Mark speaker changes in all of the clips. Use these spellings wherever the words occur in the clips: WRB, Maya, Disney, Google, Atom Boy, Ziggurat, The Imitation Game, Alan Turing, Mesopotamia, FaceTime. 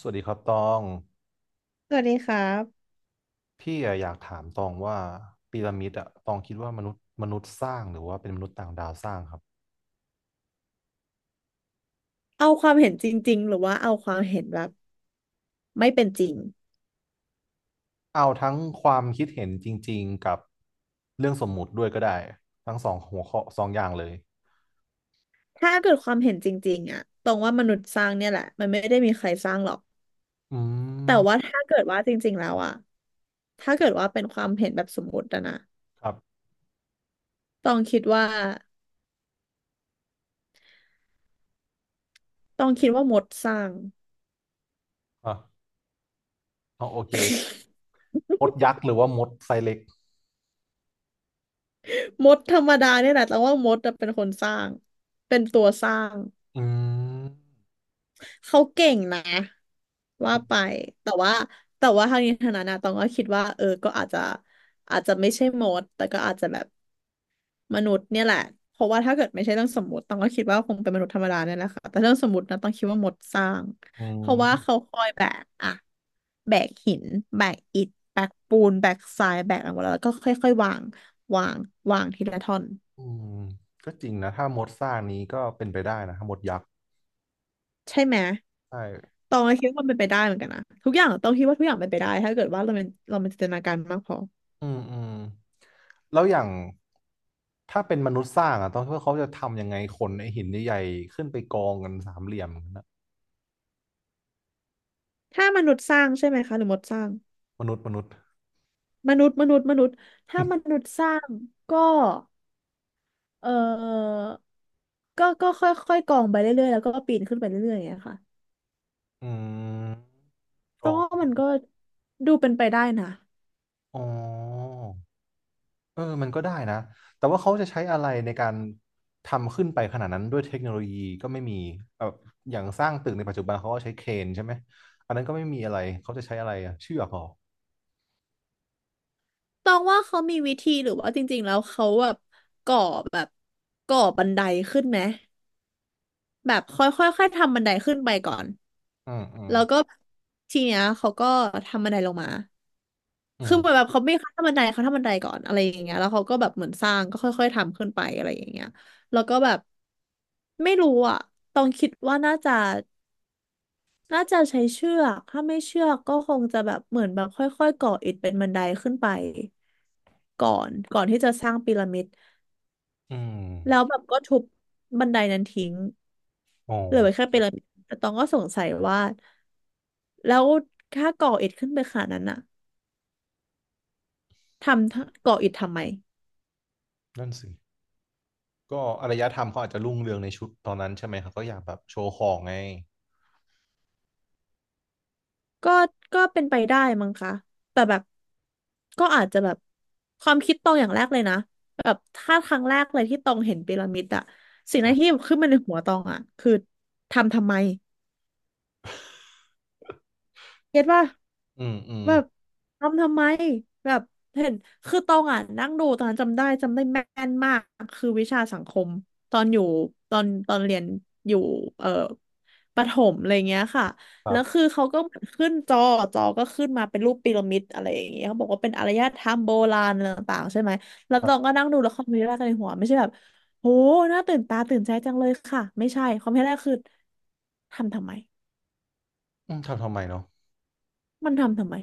Speaker 1: สวัสดีครับตอง
Speaker 2: สวัสดีครับ
Speaker 1: พี่อะอยากถามตองว่าพีระมิดอะตองคิดว่ามนุษย์สร้างหรือว่าเป็นมนุษย์ต่างดาวสร้างครับ
Speaker 2: เอาความเห็นจริงๆหรือว่าเอาความเห็นแบบไม่เป็นจริง
Speaker 1: เอาทั้งความคิดเห็นจริงๆกับเรื่องสมมุติด้วยก็ได้ทั้งสองหัวข้อสองอย่างเลย
Speaker 2: ถ้าเกิดความเห็นจริงๆอะตรงว่ามนุษย์สร้างเนี่ยแหละมันไม่ได้มีใครสร้างหรอก
Speaker 1: อื
Speaker 2: แต่ว่า
Speaker 1: ม
Speaker 2: ถ้าเกิดว่าจริงๆแล้วอะถ้าเกิดว่าเป็นความเห็นแบบสมมติอะนะ
Speaker 1: ครับ
Speaker 2: ต้องคิดว่าต้องคิดว่ามดสร้าง
Speaker 1: อ่ะเอาโอเคมดยักษ์หรือว่ามดไซเล็ก
Speaker 2: มดธรรมดาเนี่ยแหละแต้องว่ามดอะเป็นคนสร้างเป็นตัวสร้าง
Speaker 1: อืม
Speaker 2: เขาเก่งนะว่าไปแต่ว่าแต่ว่าทางนี้ทางนั้นนะต้องก็คิดว่าเออก็อาจจะอาจจะไม่ใช่มดแต่ก็อาจจะแบบ มนุษย์เนี่ยแหละเพราะว่าถ้าเกิดไม่ใช่เรื่องสมมติต้องก็คิดว่าคงเป็นมนุษย์ธรรมดาเนี่ยแหละค่ะแต่เรื่องสมมตินะต้องคิดว่ามดสร้าง
Speaker 1: อื
Speaker 2: เพ
Speaker 1: ม
Speaker 2: ราะว่าเขาคอยแบกอะแบกหินแบกอิฐแบกปูนแบกทรายแบกอะไรหมดแล้วแล้วก็ค่อยๆวางวางวางทีละท่อน
Speaker 1: อืมก็จริงนะถ้ามดสร้างนี้ก็เป็นไปได้นะถ้ามดยักษ์
Speaker 2: ใช่ไหม
Speaker 1: ใช่
Speaker 2: ตองก็คิดว่ามันเป็นไปได้เหมือนกันนะทุกอย่างต้องคิดว่าทุกอย่างเป็นไปได้ถ้าเกิดว่าเราเป็นจินตนาการมากพอ
Speaker 1: อืมอืมแล้วอย่างถ้าเป็นมนุษย์สร้างอ่ะต้องคิดว่าเขาจะทำยังไงคนไอ้หินใหญ่ๆขึ้นไปกองกันสามเหลี่ยมกันนะ
Speaker 2: ถ้ามนุษย์สร้างใช่ไหมคะหรือมดสร้าง
Speaker 1: มนุษย์
Speaker 2: มนุษย์ถ้ามนุษย์สร้างก็ เออก็ค่อยๆกองไปเรื่อยๆแล้วก็ปีนขึ้นไปเรื่อยๆอย่างเงี้ยค่ะ
Speaker 1: อืมก
Speaker 2: ตอ
Speaker 1: อ
Speaker 2: ง
Speaker 1: ง
Speaker 2: ว่ามันก็ดูเป็นไปได้นะ
Speaker 1: อ๋อเออมันก็ได้นะแต่ว่าเขาจะใช้อะไรในการทำขึ้นไปขนาดนั้นด้วยเทคโนโลยีก็ไม่มีแบบอย่างสร้างตึกในปัจจุบันเขาก็ใช้เครนใช่ไหมอันนั้นก็ไม่มีอะไรเขาจะใช้อะไรอะเชือกเหรอ
Speaker 2: ตองว่าเขามีวิธีหรือว่าจริงๆแล้วเขาแบบก่อแบบก่อบันไดขึ้นไหมแบบค่อยๆค่อยๆทำบันไดขึ้นไปก่อน
Speaker 1: อืมอืม
Speaker 2: แล้วก็ทีเนี้ยเขาก็ทำบันไดลงมา
Speaker 1: อื
Speaker 2: คือเหมือน
Speaker 1: ม
Speaker 2: แบบเขาไม่ขั้นบันไดเขาทำบันไดก่อนอะไรอย่างเงี้ยแล้วเขาก็แบบเหมือนสร้างก็ค่อยๆทำขึ้นไปอะไรอย่างเงี้ยแล้วก็แบบไม่รู้อ่ะต้องคิดว่าน่าจะ น่าจะใช้เชือกถ้าไม่เชือกก็คงจะแบบเหมือนแบบค่อยๆก่ออิฐเป็นบันไดขึ้นไปก่อนที่จะสร้างพีระมิด
Speaker 1: อื
Speaker 2: แล้ว
Speaker 1: ม
Speaker 2: แบบก็ทุบบันไดนั้นทิ้ง
Speaker 1: อ๋อ
Speaker 2: เหลือไว้แค่พีระมิดแต่ตองก็สงสัยว่าแล้วถ้าก่ออิฐขึ้นไปขนาดนั้นอะทำก่ออิฐทำไม
Speaker 1: นั่นสิ ก็อารยธรรมเขาอาจจะรุ่งเรืองในชุดตอนนั้นใช่ไหมครับก็อยากแบบโชว์ของไง
Speaker 2: ก็ก็เป็นไปได้มั้งคะแต่แบบก็อาจจะแบบความคิดตรงอย่างแรกเลยนะแบบถ้าครั้งแรกเลยที่ตองเห็นพีระมิดอะสิ่ง
Speaker 1: ค
Speaker 2: แร
Speaker 1: รั
Speaker 2: กที่
Speaker 1: บ
Speaker 2: ขึ้นมาในหัวตองอะคือทำทำไม เก็ตป่ะ
Speaker 1: อืมอืม
Speaker 2: แบบทำทำไมแบบเห็นคือตองอ่ะนั่งดูตอนนั้นจำได้แม่นมากคือวิชาสังคมตอนอยู่ตอนเรียนอยู่เอ่อประถมอะไรเงี้ยค่ะ
Speaker 1: ครั
Speaker 2: แล้
Speaker 1: บ
Speaker 2: วคือเขาก็เหมือนขึ้นจอจอก็ขึ้นมาเป็นรูปพีระมิดอะไรอย่างเงี้ยเขาบอกว่าเป็นอารยธรรมโบราณอะไรต่างๆใช่ไหมแล้ว
Speaker 1: ครั
Speaker 2: ตอง
Speaker 1: บ
Speaker 2: ก็นั่งดูแล้วคอมเมนต์แรกในหัวไม่ใช่แบบโหน่าตื่นตาตื่นใจจังเลยค่ะไม่ใช่คอมเมนต์แรกคือทำทำไม
Speaker 1: อืมทำไมเนาะ
Speaker 2: มันทำทำไม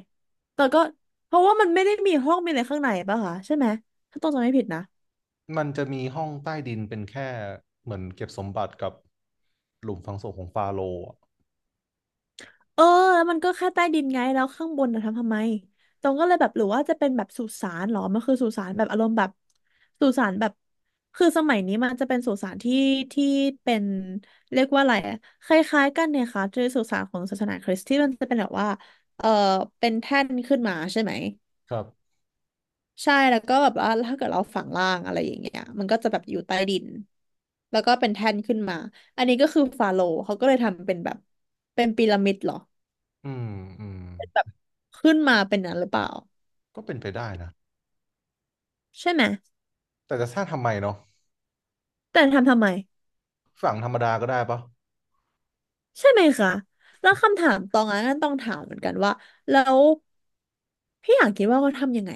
Speaker 2: แต่ก็เพราะว่ามันไม่ได้มีห้องมีอะไรข้างในป่ะคะใช่ไหมถ้าต้องจำไม่ผิดนะ
Speaker 1: มันจะมีห้องใต้ดินเป็นแค่เหมือนเก็บสมบัติกับหลุมฝังศพของฟาโรห์อะ
Speaker 2: เออแล้วมันก็แค่ใต้ดินไงแล้วข้างบนนะทำทำไมตรงก็เลยแบบหรือว่าจะเป็นแบบสุสานเหรอมันคือสุสานแบบอารมณ์แบบสุสานแบบคือสมัยนี้มันจะเป็นสุสานที่เป็นเรียกว่าอะไรอะคล้ายๆกันเนี่ยค่ะจะสุสานของศาสนาคริสต์ที่มันจะเป็นแบบว่าเออเป็นแท่นขึ้นมาใช่ไหม
Speaker 1: ครับ
Speaker 2: ใช่แล้วก็แบบว่าถ้าเกิดเราฝังล่างอะไรอย่างเงี้ยมันก็จะแบบอยู่ใต้ดินแล้วก็เป็นแท่นขึ้นมาอันนี้ก็คือฟาโรห์เขาก็เลยทำเป็นแบบเป็นพีระมิดเหรอ
Speaker 1: อืมอืม
Speaker 2: แบบขึ้นมาเป็นนั้นหรือเปล่า
Speaker 1: ก็เป็นไปได้นะ
Speaker 2: ใช่ไหม
Speaker 1: แต่จะสร้างทำไมเนาะ
Speaker 2: แต่ทำทำไม
Speaker 1: ฝังธรรมดาก็ได้ปะ
Speaker 2: ใช่ไหมคะแล้วคำถามตองนั้นต้องถามเหมือนกันว่าแล้วพี่อยากคิดว่าเขาทำยังไง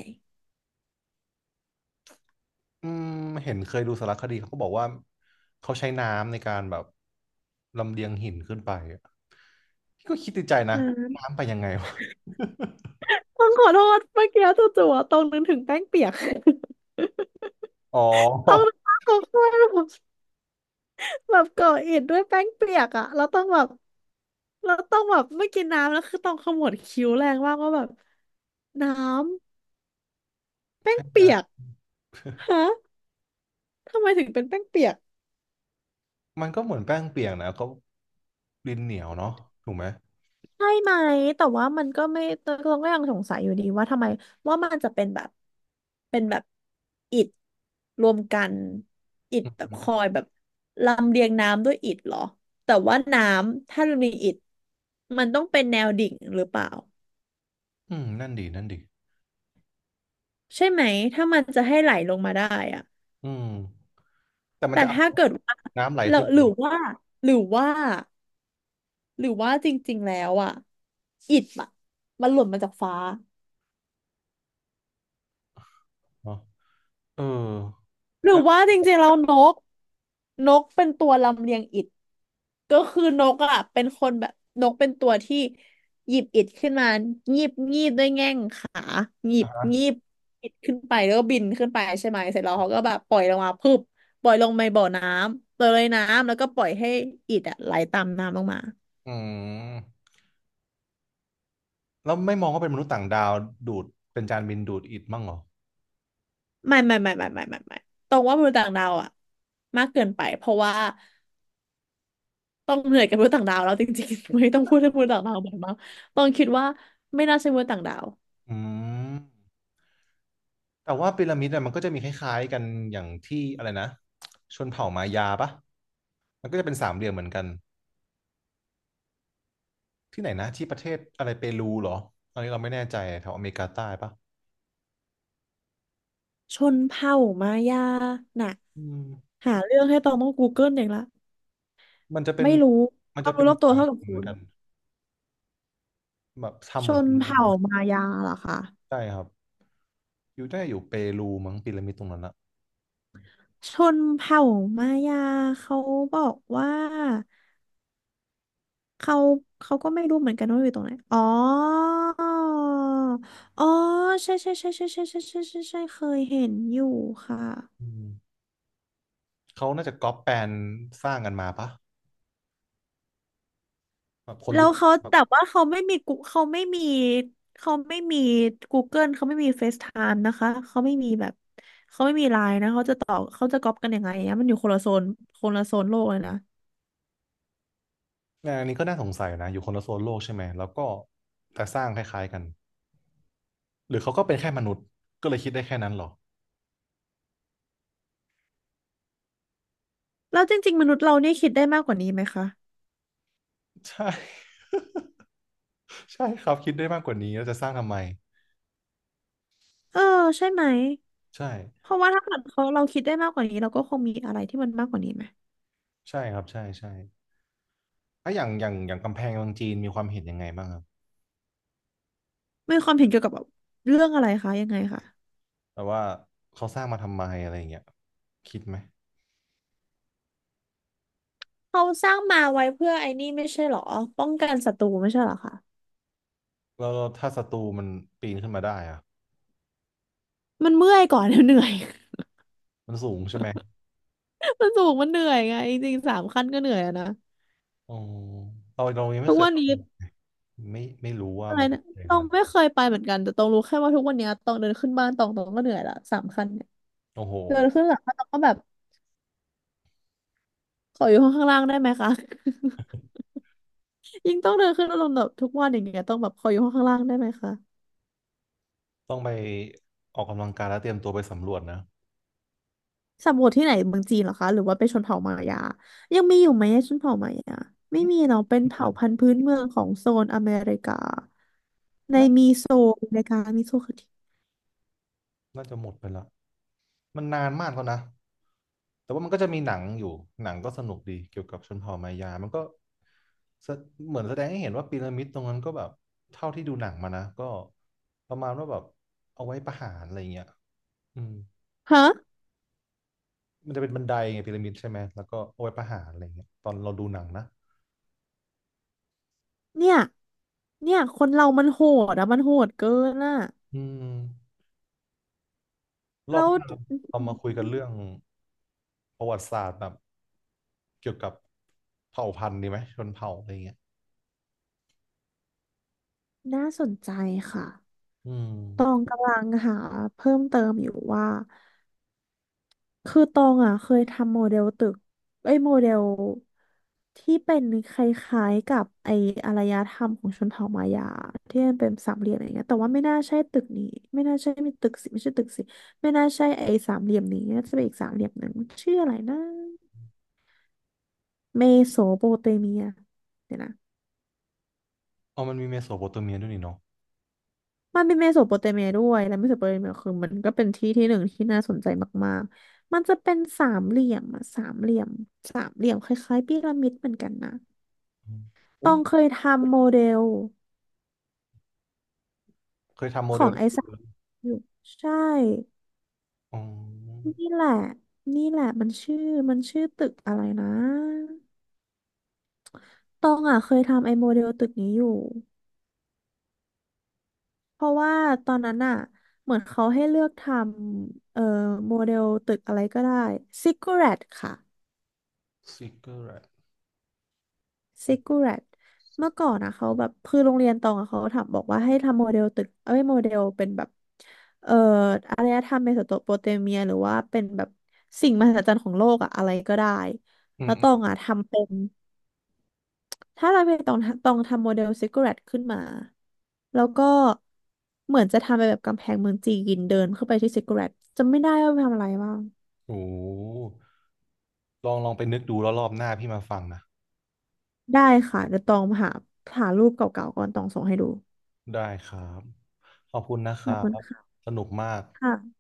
Speaker 1: อืมเห็นเคยดูสารคดีเขาก็บอกว่าเขาใช้น้ำในการแบบลำเลียงหินขึ้นไปอะก็คิดในใจนะ
Speaker 2: นะ
Speaker 1: น้ำไปยังไงวะ
Speaker 2: ต้องขอโทษเมื่อกี้จู่ๆอะตองนึกถึงแป้งเปียก
Speaker 1: อ๋อ
Speaker 2: ต้องนึกภาพตองข้าม แบบก่ออิฐด้วยแป้งเปียกอ่ะเราต้องแบบเราต้องแบบไม่กินน้ำแล้วคือต้องขมวดคิ้วแรงมากว่าแบบน้ำแป้
Speaker 1: ใช
Speaker 2: ง
Speaker 1: ่
Speaker 2: เปียกฮะทำไมถึงเป็นแป้งเปียก
Speaker 1: มันก็เหมือนแป้งเปียกนะก็ดินเหนียวเนาะถูกไหม
Speaker 2: ใช่ไหมแต่ว่ามันก็ไม่เราก็ยังสงสัยอยู่ดีว่าทำไมว่ามันจะเป็นแบบอิฐรวมกันอิฐ
Speaker 1: อื
Speaker 2: แบบคอ
Speaker 1: ม
Speaker 2: ยแบบลำเลียงน้ำด้วยอิฐเหรอแต่ว่าน้ำถ้ามันมีอิฐมันต้องเป็นแนวดิ่งหรือเปล่า
Speaker 1: อืมนั่นดีนั่นดี
Speaker 2: ใช่ไหมถ้ามันจะให้ไหลลงมาได้อะ
Speaker 1: อืมแต่มัน
Speaker 2: แต่
Speaker 1: จะเอา
Speaker 2: ถ้าเกิดว่า
Speaker 1: น้ำไหล
Speaker 2: เรา
Speaker 1: ขึ้นมา
Speaker 2: หรือว่าหรือว่าจริงๆแล้วอะอิฐอะมันหล่นมาจากฟ้า
Speaker 1: เนาะเออ
Speaker 2: หรือ
Speaker 1: แล้ว
Speaker 2: ว่าจริงๆแล้วนกนกเป็นตัวลำเลียงอิฐ ก็คือนกอ่ะเป็นคนแบบนกเป็นตัวที่หยิบอิฐขึ้นมางีบงีบด้วยแง่งขาหยิ
Speaker 1: อ่ะ
Speaker 2: บ
Speaker 1: ฮะ
Speaker 2: งีบอิฐขึ้นไปแล้วก็บินขึ้นไปใช่ไหมเสร็จแล้วเขาก็แบบปล่อยลงมาพึบปล่อยลงในบ่อน้ำปล่อยลอยน้ำแล้วก็ปล่อยให้อิฐอ่ะไหลตามน้ำลงมา
Speaker 1: อืมแล้วไม่มองว่าเป็นมนุษย์ต่างดาวดูดเป็นจานบินดูดอิฐมั่งเหรอ
Speaker 2: ไม่ไม่ไม่ไม่ไม่ไม่ไม่ตรงว่ามนุษย์ต่างดาวอ่ะมากเกินไปเพราะว่าต้องเหนื่อยกับมนุษย์ต่างดาวแล้วจริงๆ ไม่ต้องพูดให้มนุษย์ต่างดาวบ่อยมากต้องคิดว่าไม่น่าใช่มนุษย์ต่างดาว
Speaker 1: อืมแต่ว่าพีระมิดอะมันก็จะมีคล้ายๆกันอย่างที่อะไรนะชนเผ่ามายาปะมันก็จะเป็นสามเหลี่ยมเหมือนกัน ที่ไหนนะที่ประเทศอะไรเปรูเหรออันนี้เราไม่แน่ใจแถวอเมริกาใต้ปะ
Speaker 2: ชนเผ่ามายาน่ะ
Speaker 1: อืม
Speaker 2: หาเรื่องให้ตองต้อง Google เองละ
Speaker 1: มันจะเป็น
Speaker 2: ไม่รู้
Speaker 1: มัน
Speaker 2: ควา
Speaker 1: จะ
Speaker 2: ม
Speaker 1: เป็
Speaker 2: รู้
Speaker 1: น
Speaker 2: รอบตัว
Speaker 1: ต่าง
Speaker 2: เท่ากับ
Speaker 1: เห
Speaker 2: คุ
Speaker 1: มือน
Speaker 2: ณ
Speaker 1: กันแบบทำ
Speaker 2: ช
Speaker 1: เหมือน
Speaker 2: น
Speaker 1: พีระมิ
Speaker 2: เผ่า
Speaker 1: ด
Speaker 2: มายาเหรอคะ
Speaker 1: ใช่ครับอยู่ได้อยู่เปรูมั้งพีระมิดตรงนั้นอะ
Speaker 2: ชนเผ่ามายาเขาบอกว่าเขาเขาก็ไม่รู้เหมือนกันว่าอยู่ตรงไหนอ๋อ อ๋อ ใช่ใช่ใช่ใช่ใช่ใช่ใช่ใช่ใช่เคยเห็นอยู่ค่ะ
Speaker 1: อืมเขาน่าจะก๊อปแปลนสร้างกันมาปะแบบคน
Speaker 2: แล้
Speaker 1: รู้
Speaker 2: วเขาแต่ว่าเขาไม่มีกูเขาไม่มี Google เขาไม่มี FaceTime นะคะเขาไม่มีแบบเขาไม่มีไลน์นะเขาจะต่อเขาจะก๊อปกันยังไงอะมันอยู่คนละโซนคนละโซนโลกเลยนะ
Speaker 1: งานอันนี้ก็น่าสงสัยนะอยู่คนละโซนโลกใช่ไหมแล้วก็แต่สร้างคล้ายๆกันหรือเขาก็เป็นแค่มนุษย์ก็เลยคิดได้แค่นั้นเหรอ
Speaker 2: แล้วจริงๆมนุษย์เราเนี่ยคิดได้มากกว่านี้ไหมคะ
Speaker 1: ใช่ ใช่ครับคิดได้มากกว่านี้แล้วจะสร้างทำไม
Speaker 2: เออใช่ไหม
Speaker 1: ใช่
Speaker 2: เพราะว่าถ้าเกิดเขาเราคิดได้มากกว่านี้เราก็คงมีอะไรที่มันมากกว่านี้ไหม
Speaker 1: ใช่ครับใช่ใช่อ่ะอย่างกำแพงเมืองจีนมีความเห็นยังไงบ้างครับ
Speaker 2: มีความเห็นเกี่ยวกับแบบเรื่องอะไรคะยังไงคะ
Speaker 1: แบบว่าเขาสร้างมาทำไมอะไรอย่างเงี้ยคิดไหม
Speaker 2: เขาสร้างมาไว้เพื่อไอ้นี่ไม่ใช่เหรอป้องกันศัตรูไม่ใช่เหรอคะ
Speaker 1: แล้วถ้าศัตรูมันปีนขึ้นมาได้อะ
Speaker 2: มันเมื่อยก่อน เหนื่อย
Speaker 1: มันสูงใช่ไหม
Speaker 2: มันสูงมันเหนื่อยไงจริงๆสามขั้นก็เหนื่อยอะนะ
Speaker 1: อ๋อเรายังไม่
Speaker 2: ทุก
Speaker 1: เคย
Speaker 2: วันนี้
Speaker 1: ไม่รู้ว่า
Speaker 2: อะไร
Speaker 1: มัน
Speaker 2: นะ
Speaker 1: ใหญ่
Speaker 2: ต
Speaker 1: ข
Speaker 2: อง
Speaker 1: นาดนั้
Speaker 2: ไม่
Speaker 1: น
Speaker 2: เคยไปเหมือนกันแต่ตองรู้แค่ว่าทุกวันนี้ตองเดินขึ้นบ้านตองก็เหนื่อยละสามขั้นเนี่ย
Speaker 1: โอ้โห
Speaker 2: เดินขึ้นหลังบ้านตองก็แบบขออยู่ห้องข้างล่างได้ไหมคะ ยิ่งต้องเดินขึ้นอารมณ์แบบทุกวันอย่างเงี้ยต้องแบบขออยู่ห้องข้างล่างได้ไหมคะ
Speaker 1: ต้องไปออกกำลังกายแล้วเตรียมตัวไปสำรวจนะ
Speaker 2: สำรวจที่ไหนเมืองจีนเหรอคะหรือว่าเป็นชนเผ่ามายายังมีอยู่ไหมชนเผ่ามายาไม่มีเนาะเป็น
Speaker 1: นี่น
Speaker 2: เผ่าพันธุ์พื้นเมืองของโซนอเมริกา
Speaker 1: ่า
Speaker 2: โซนอเมริกามีโซนคอที
Speaker 1: น่าจะหมดไปละมันนานมากแล้วนะ แต่ว่ามันก็จะมีหนังอยู่ หนังก็สนุกดีเกี่ยวกับชนเผ่ามายา มันก็แสเหมือนแสดงให้เห็นว่าพีระมิดตรงนั้นก็แบบเท่าที่ดูหนังมานะก็ประมาณว่าแบบเอาไว้ประหารอะไรเงี้ยอืม
Speaker 2: ฮะ
Speaker 1: มันจะเป็นบันไดไงพีระมิดใช่ไหมแล้วก็เอาไว้ประหารอะไรเงี้ยตอนเราดูหนังนะ
Speaker 2: เนี่ยเนี่ยคนเรามันโหดอะมันโหดเกินอะ
Speaker 1: อืมรอ
Speaker 2: แล้
Speaker 1: บ
Speaker 2: ว
Speaker 1: หน้าเรามาคุยกันเรื่องประวัติศาสตร์แบบเกี่ยวกับเผ่าพันธุ์ดีไหมชนเผ่าอะไรเงี้ย
Speaker 2: น่าสนใจค่ะ
Speaker 1: อื
Speaker 2: ตอง
Speaker 1: ม
Speaker 2: กำลังหาเพิ่มเติมอยู่ว่า คือตองอะเคยทำโมเดลตึกไอ้ยโมเดลที่เป็นคล้ายๆกับไอ้อารยธรรมของชนเผ่ามายาที่มันเป็นสามเหลี่ยมอะไรเงี้ยแต่ว่าไม่น่าใช่ตึกนี้ไม่น่าใช่มีตึกสิไม่ใช่ตึกสิไม่น่าใช่ไอ้สามเหลี่ยมนี้น่าจะเป็นอีกสามเหลี่ยมหนึ่งชื่ออะไรนะเมโสโปเตเมียเดี๋ยวนะ
Speaker 1: อ๋อมันมีเมโสโปเตเมียด้วยนี่เนาะ
Speaker 2: มันเป็นเมโสโปเตเมียด้วยและเมโสโปเตเมียคือมันก็เป็นที่ที่หนึ่งที่น่าสนใจมากๆ มันจะเป็นสามเหลี่ยมอะสามเหลี่ยมสามเหลี่ยมคล้ายๆพีระมิดเหมือนกันนะ
Speaker 1: อืมเฮ้
Speaker 2: ต้อ
Speaker 1: ย
Speaker 2: งเคยทำโมเดล
Speaker 1: เคยทำโม
Speaker 2: ข
Speaker 1: เด
Speaker 2: อ
Speaker 1: ล
Speaker 2: ง
Speaker 1: นี้
Speaker 2: ไอ้สามอยู่ใช่
Speaker 1: อ๋อ
Speaker 2: นี่แหละนี่แหละมันชื่อมันชื่อตึกอะไรนะตองอ่ะเคยทำไอ้โมเดลตึกนี้อยู่เพราะว่าตอนนั้นอ่ะเหมือนเขาให้เลือกทำโมเดลตึกอะไรก็ได้Ziggurat ค่ะ
Speaker 1: ซิกเกอร์แร
Speaker 2: ซิกูแรตเมื่อก่อนนะเขาแบบคือโรงเรียนตองอะเขาถามบอกว่าให้ทำโมเดลตึกเอ้ยโมเดลเป็นแบบเอ่ออารยธรรมเมโสโปเตเมียหรือว่าเป็นแบบสิ่งมหัศจรรย์ของโลกอะอะไรก็ได้
Speaker 1: อื
Speaker 2: แล้วตอ
Speaker 1: ม
Speaker 2: งอะทำเป็นถ้าเราไปตองตองทำโมเดลซิกูแรตขึ้นมาแล้วก็เหมือนจะทำเป็นแบบกำแพงเมืองจีนเดินเข้าไปที่ซิกูแรตจำไม่ได้ว่าไปทำอะไรบ้าง
Speaker 1: ๆโอ้ลองไปนึกดูแล้วรอบหน้าพี่มาฟังนะ
Speaker 2: ได้ค่ะเดี๋ยวตองหาหารูปเก่าๆก่อนตองส่งให้ดู
Speaker 1: ได้ครับขอบคุณนะค
Speaker 2: ข
Speaker 1: รั
Speaker 2: อบคุณ
Speaker 1: บสนุกมาก
Speaker 2: ค่ะ